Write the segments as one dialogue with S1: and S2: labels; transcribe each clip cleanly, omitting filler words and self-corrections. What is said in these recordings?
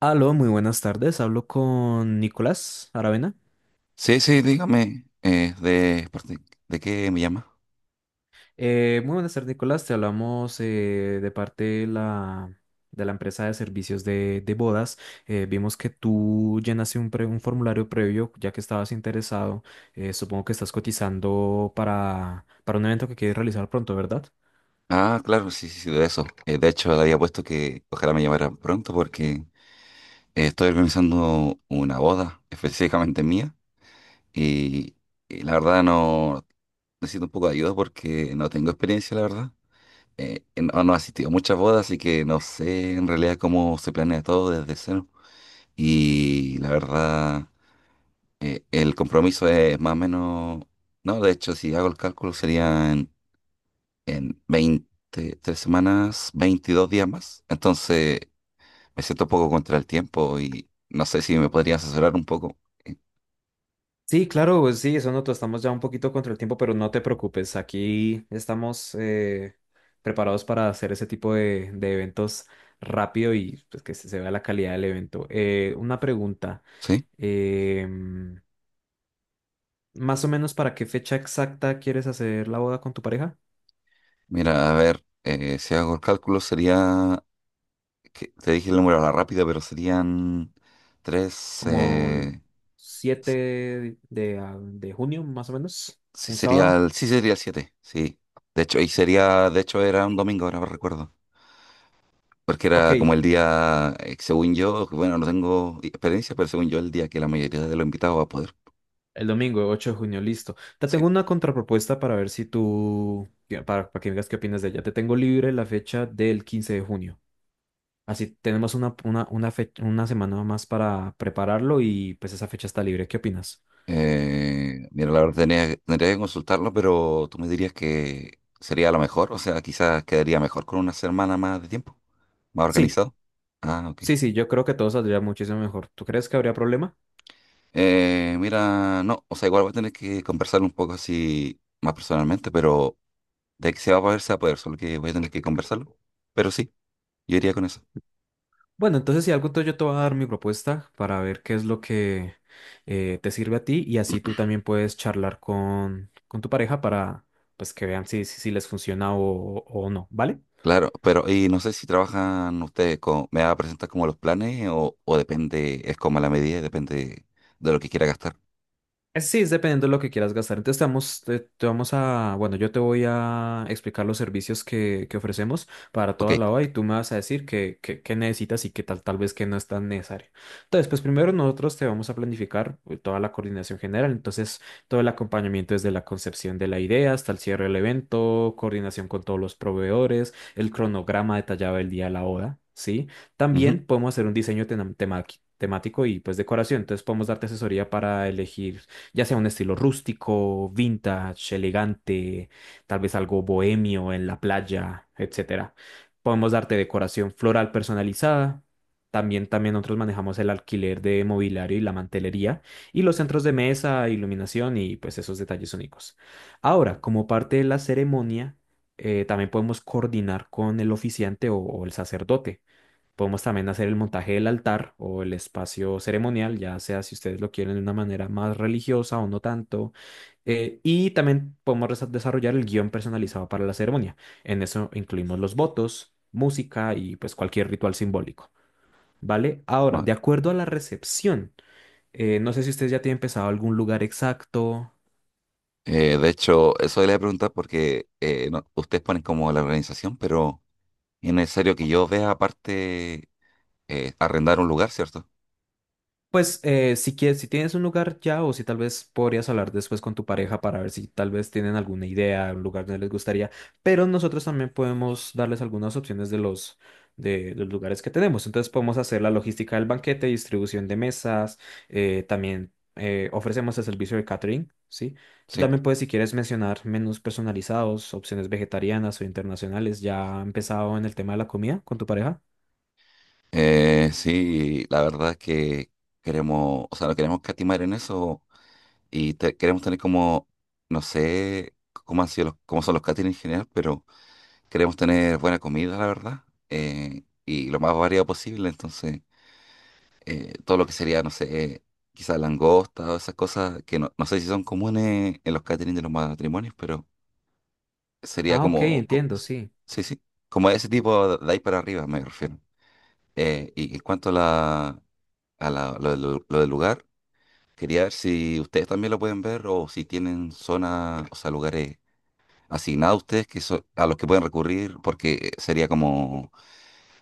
S1: Aló, muy buenas tardes. Hablo con Nicolás Aravena.
S2: Sí, sí, dígame, ¿de qué me llama?
S1: Muy buenas tardes, Nicolás. Te hablamos de parte de la empresa de servicios de bodas. Vimos que tú llenaste un formulario previo, ya que estabas interesado. Supongo que estás cotizando para un evento que quieres realizar pronto, ¿verdad?
S2: Ah, claro, sí, sí, sí, de eso. De hecho, le había puesto que ojalá me llamara pronto porque estoy organizando una boda específicamente mía y, y la verdad no necesito un poco de ayuda porque no tengo experiencia, la verdad. No, no he asistido a muchas bodas, así que no sé en realidad cómo se planea todo desde cero. Y la verdad, el compromiso es más o menos. No, de hecho, si hago el cálculo serían en 23 semanas, 22 días más. Entonces me siento un poco contra el tiempo y no sé si me podría asesorar un poco. Eh,
S1: Sí, claro, pues sí, eso nosotros estamos ya un poquito contra el tiempo, pero no te preocupes, aquí estamos preparados para hacer ese tipo de eventos rápido y pues, se vea la calidad del evento. Una pregunta,
S2: ¿Sí?
S1: em, más o menos ¿para qué fecha exacta quieres hacer la boda con tu pareja?
S2: Mira, a ver, si hago el cálculo sería, que te dije el número a la rápida, pero serían tres,
S1: ¿Como el 7 de junio, más o menos?
S2: sí
S1: ¿Un
S2: sería,
S1: sábado?
S2: sí sería siete, sí. De hecho, y sería, de hecho era un domingo, ahora me recuerdo. Porque
S1: Ok,
S2: era como el día, según yo, bueno, no tengo experiencia, pero según yo, el día que la mayoría de los invitados va a poder.
S1: el domingo, 8 de junio, listo. Te tengo
S2: Sí.
S1: una contrapropuesta para ver si para que me digas qué opinas de ella. Te tengo libre la fecha del 15 de junio. Así tenemos una semana más para prepararlo y pues esa fecha está libre. ¿Qué opinas?
S2: Mira, la verdad tendría que consultarlo, pero tú me dirías que sería lo mejor, o sea, quizás quedaría mejor con una semana más de tiempo, más
S1: Sí,
S2: organizado. Ah, ok.
S1: sí, sí, yo creo que todo saldría muchísimo mejor. ¿Tú crees que habría problema?
S2: Mira, no, o sea, igual voy a tener que conversar un poco así más personalmente, pero de que se va a poder, se va a poder, solo que voy a tener que conversarlo. Pero sí, yo iría con eso.
S1: Bueno, entonces si algo, entonces yo te voy a dar mi propuesta para ver qué es lo que te sirve a ti y así tú también puedes charlar con tu pareja para pues que vean si, si les funciona o no, ¿vale?
S2: Claro, pero y no sé si trabajan ustedes con, me va a presentar como los planes o depende, es como a la medida, y depende de lo que quiera gastar.
S1: Sí, es dependiendo de lo que quieras gastar. Entonces te vamos a, bueno, yo te voy a explicar los servicios que ofrecemos para toda la
S2: Ok.
S1: OA y tú me vas a decir qué necesitas y qué tal, tal vez que no es tan necesario. Entonces, pues primero nosotros te vamos a planificar toda la coordinación general, entonces todo el acompañamiento desde la concepción de la idea hasta el cierre del evento, coordinación con todos los proveedores, el cronograma detallado del día de la boda, ¿sí?
S2: Ujú.
S1: También podemos hacer un diseño temático y pues decoración. Entonces podemos darte asesoría para elegir ya sea un estilo rústico, vintage, elegante, tal vez algo bohemio en la playa, etcétera. Podemos darte decoración floral personalizada. También, también nosotros manejamos el alquiler de mobiliario y la mantelería y los centros de mesa, iluminación y pues esos detalles únicos. Ahora, como parte de la ceremonia, también podemos coordinar con el oficiante o el sacerdote. Podemos también hacer el montaje del altar o el espacio ceremonial, ya sea si ustedes lo quieren de una manera más religiosa o no tanto. Y también podemos desarrollar el guión personalizado para la ceremonia. En eso incluimos los votos, música y pues cualquier ritual simbólico, ¿vale? Ahora, de acuerdo a la recepción, no sé si ustedes ya tienen pensado algún lugar exacto.
S2: De hecho, eso le voy a preguntar porque ustedes ponen como la organización, pero es necesario que yo vea aparte arrendar un lugar, ¿cierto?
S1: Pues si quieres, si tienes un lugar ya o si tal vez podrías hablar después con tu pareja para ver si tal vez tienen alguna idea, un lugar donde les gustaría, pero nosotros también podemos darles algunas opciones los lugares que tenemos. Entonces podemos hacer la logística del banquete, distribución de mesas, también ofrecemos el servicio de catering, ¿sí? Tú
S2: Sí.
S1: también puedes, si quieres, mencionar menús personalizados, opciones vegetarianas o internacionales. ¿Ya ha empezado en el tema de la comida con tu pareja?
S2: Sí, la verdad es que queremos, o sea, no queremos catimar en eso y queremos tener como, no sé cómo son los catering en general, pero queremos tener buena comida, la verdad, y lo más variado posible, entonces. Todo lo que sería, no sé, quizás langosta o esas cosas que no, no sé si son comunes en los catering de los matrimonios, pero sería
S1: Ah, ok,
S2: como,
S1: entiendo, sí.
S2: sí, sí, como ese tipo de ahí para arriba me refiero. Y en cuanto a la, lo del lugar, quería ver si ustedes también lo pueden ver o si tienen zonas, o sea, lugares asignados a ustedes que a los que pueden recurrir, porque sería como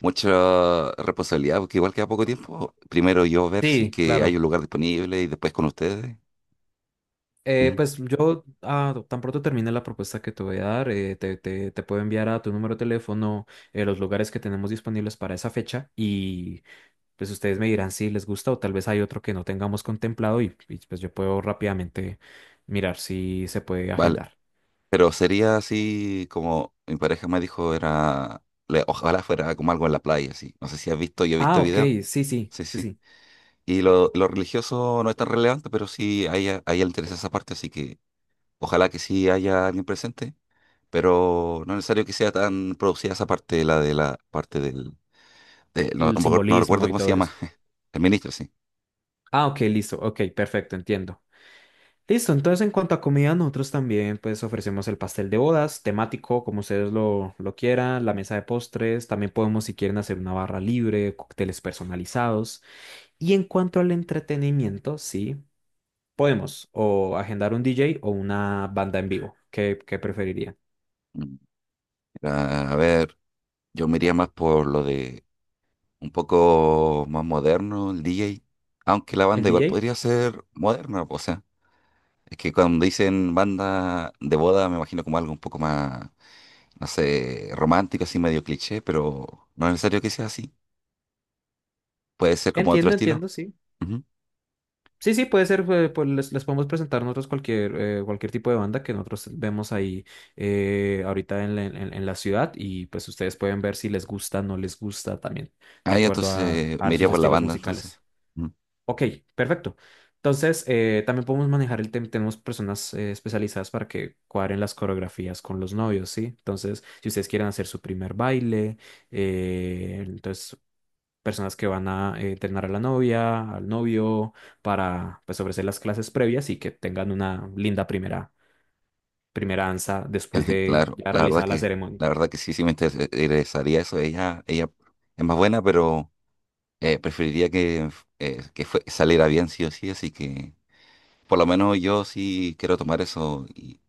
S2: mucha responsabilidad, porque igual queda poco tiempo. Primero yo ver si es
S1: Sí,
S2: que hay
S1: claro.
S2: un lugar disponible y después con ustedes. Ujú.
S1: Pues yo ah, tan pronto termine la propuesta que te voy a dar, te puedo enviar a tu número de teléfono los lugares que tenemos disponibles para esa fecha y pues ustedes me dirán si les gusta o tal vez hay otro que no tengamos contemplado pues yo puedo rápidamente mirar si se puede
S2: Vale,
S1: agendar.
S2: pero sería así como mi pareja me dijo, era, ojalá fuera como algo en la playa, así. No sé si has visto, yo he
S1: Ah,
S2: visto
S1: ok,
S2: videos,
S1: sí, sí,
S2: sí,
S1: sí,
S2: sí.
S1: sí,
S2: Y lo religioso no es tan relevante, pero sí a ella le interesa esa parte, así que ojalá que sí haya alguien presente, pero no es necesario que sea tan producida esa parte, la de la parte del. No,
S1: el
S2: no me acuerdo, no recuerdo
S1: simbolismo y
S2: cómo se
S1: todo
S2: llama,
S1: eso.
S2: el ministro, sí.
S1: Ah, ok, listo, ok, perfecto, entiendo. Listo, entonces en cuanto a comida, nosotros también pues ofrecemos el pastel de bodas, temático, como ustedes lo quieran, la mesa de postres, también podemos si quieren hacer una barra libre, cócteles personalizados. Y en cuanto al entretenimiento, sí, podemos o agendar un DJ o una banda en vivo. Qué preferiría?
S2: Mm. A ver, yo me iría más por lo de un poco más moderno, el DJ. Aunque la
S1: ¿El
S2: banda igual
S1: DJ?
S2: podría ser moderna, o sea, es que cuando dicen banda de boda me imagino como algo un poco más, no sé, romántico, así medio cliché, pero no es necesario que sea así. Puede ser como otro
S1: Entiendo,
S2: estilo.
S1: entiendo, sí.
S2: Ujú.
S1: Sí, sí, puede ser, pues les podemos presentar nosotros cualquier, cualquier tipo de banda que nosotros vemos ahí ahorita en la ciudad y pues ustedes pueden ver si les gusta, no les gusta también, de
S2: Ah, ya
S1: acuerdo
S2: entonces me
S1: a
S2: iría
S1: sus
S2: por la
S1: estilos
S2: banda entonces.
S1: musicales.
S2: Ujú.
S1: Ok, perfecto. Entonces, también podemos manejar el tema, tenemos personas especializadas para que cuadren las coreografías con los novios, ¿sí? Entonces, si ustedes quieren hacer su primer baile, entonces personas que van a entrenar a la novia, al novio, para pues ofrecer las clases previas y que tengan una linda primera danza después de
S2: Claro,
S1: ya
S2: la verdad
S1: realizar la
S2: que,
S1: ceremonia.
S2: la verdad que sí, sí me interesaría eso. Ella es más buena, pero preferiría que saliera bien sí o sí, así que por lo menos yo sí quiero tomar eso y,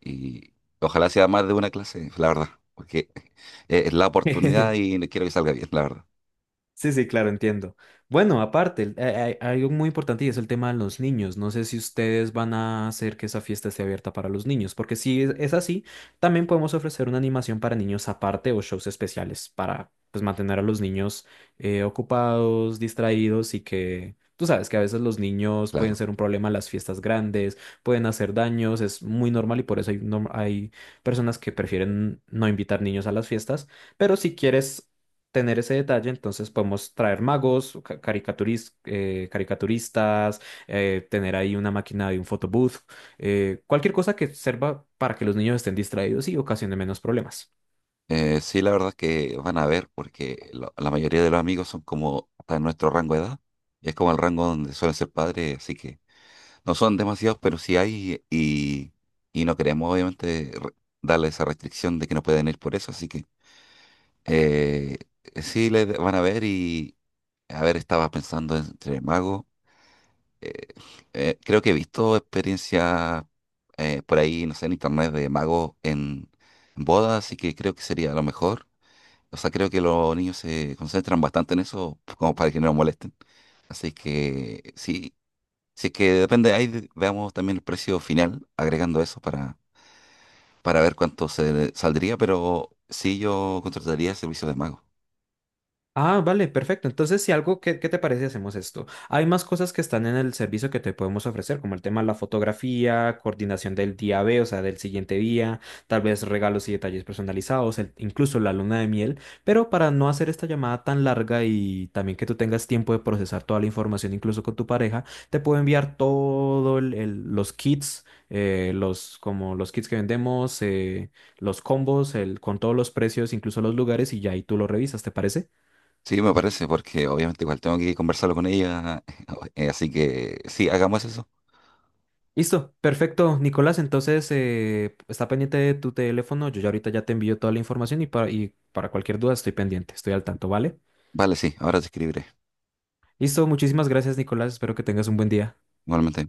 S2: y ojalá sea más de una clase, la verdad, porque es la oportunidad y no quiero que salga bien, la verdad,
S1: Sí, sí, claro, entiendo. Bueno, aparte, hay algo muy importante y es el tema de los niños. No sé si ustedes van a hacer que esa fiesta esté abierta para los niños, porque si es así, también podemos ofrecer una animación para niños aparte o shows especiales para pues, mantener a los niños ocupados, distraídos y que tú sabes que a veces los niños pueden
S2: claro.
S1: ser un problema en las fiestas grandes, pueden hacer daños, es muy normal y por eso hay personas que prefieren no invitar niños a las fiestas. Pero si quieres tener ese detalle, entonces podemos traer magos, caricaturistas, tener ahí una máquina de un photobooth, cualquier cosa que sirva para que los niños estén distraídos y ocasione menos problemas.
S2: Sí, la verdad es que van a ver, porque la mayoría de los amigos son como hasta en nuestro rango de edad, y es como el rango donde suelen ser padres, así que no son demasiados, pero sí hay y no queremos obviamente darle esa restricción de que no pueden ir por eso, así que. Eh, sí, le van a ver y, a ver, estaba pensando entre magos. eh, Creo que he visto experiencias por ahí, no sé, en internet de magos en bodas, así que creo que sería lo mejor. O sea, creo que los niños se concentran bastante en eso, pues, como para que no los molesten. Así que sí, sí que depende, ahí veamos también el precio final, agregando eso para ver cuánto se saldría, pero sí yo contrataría servicios de mago.
S1: Ah, vale, perfecto. Entonces, si algo, qué te parece si hacemos esto? Hay más cosas que están en el servicio que te podemos ofrecer, como el tema de la fotografía, coordinación del día B, o sea, del siguiente día, tal vez regalos y detalles personalizados, incluso la luna de miel, pero para no hacer esta llamada tan larga y también que tú tengas tiempo de procesar toda la información, incluso con tu pareja, te puedo enviar los kits, como los kits que vendemos, los combos, el, con todos los precios, incluso los lugares, y ya ahí tú lo revisas, ¿te parece?
S2: Sí, me parece, porque obviamente igual tengo que conversarlo con ella, así que sí, hagamos eso.
S1: Listo, perfecto, Nicolás. Entonces, está pendiente de tu teléfono. Yo ya ahorita ya te envío toda la información y para cualquier duda estoy pendiente, estoy al tanto, ¿vale?
S2: Vale, sí, ahora te escribiré,
S1: Listo, muchísimas gracias, Nicolás. Espero que tengas un buen día.
S2: igualmente.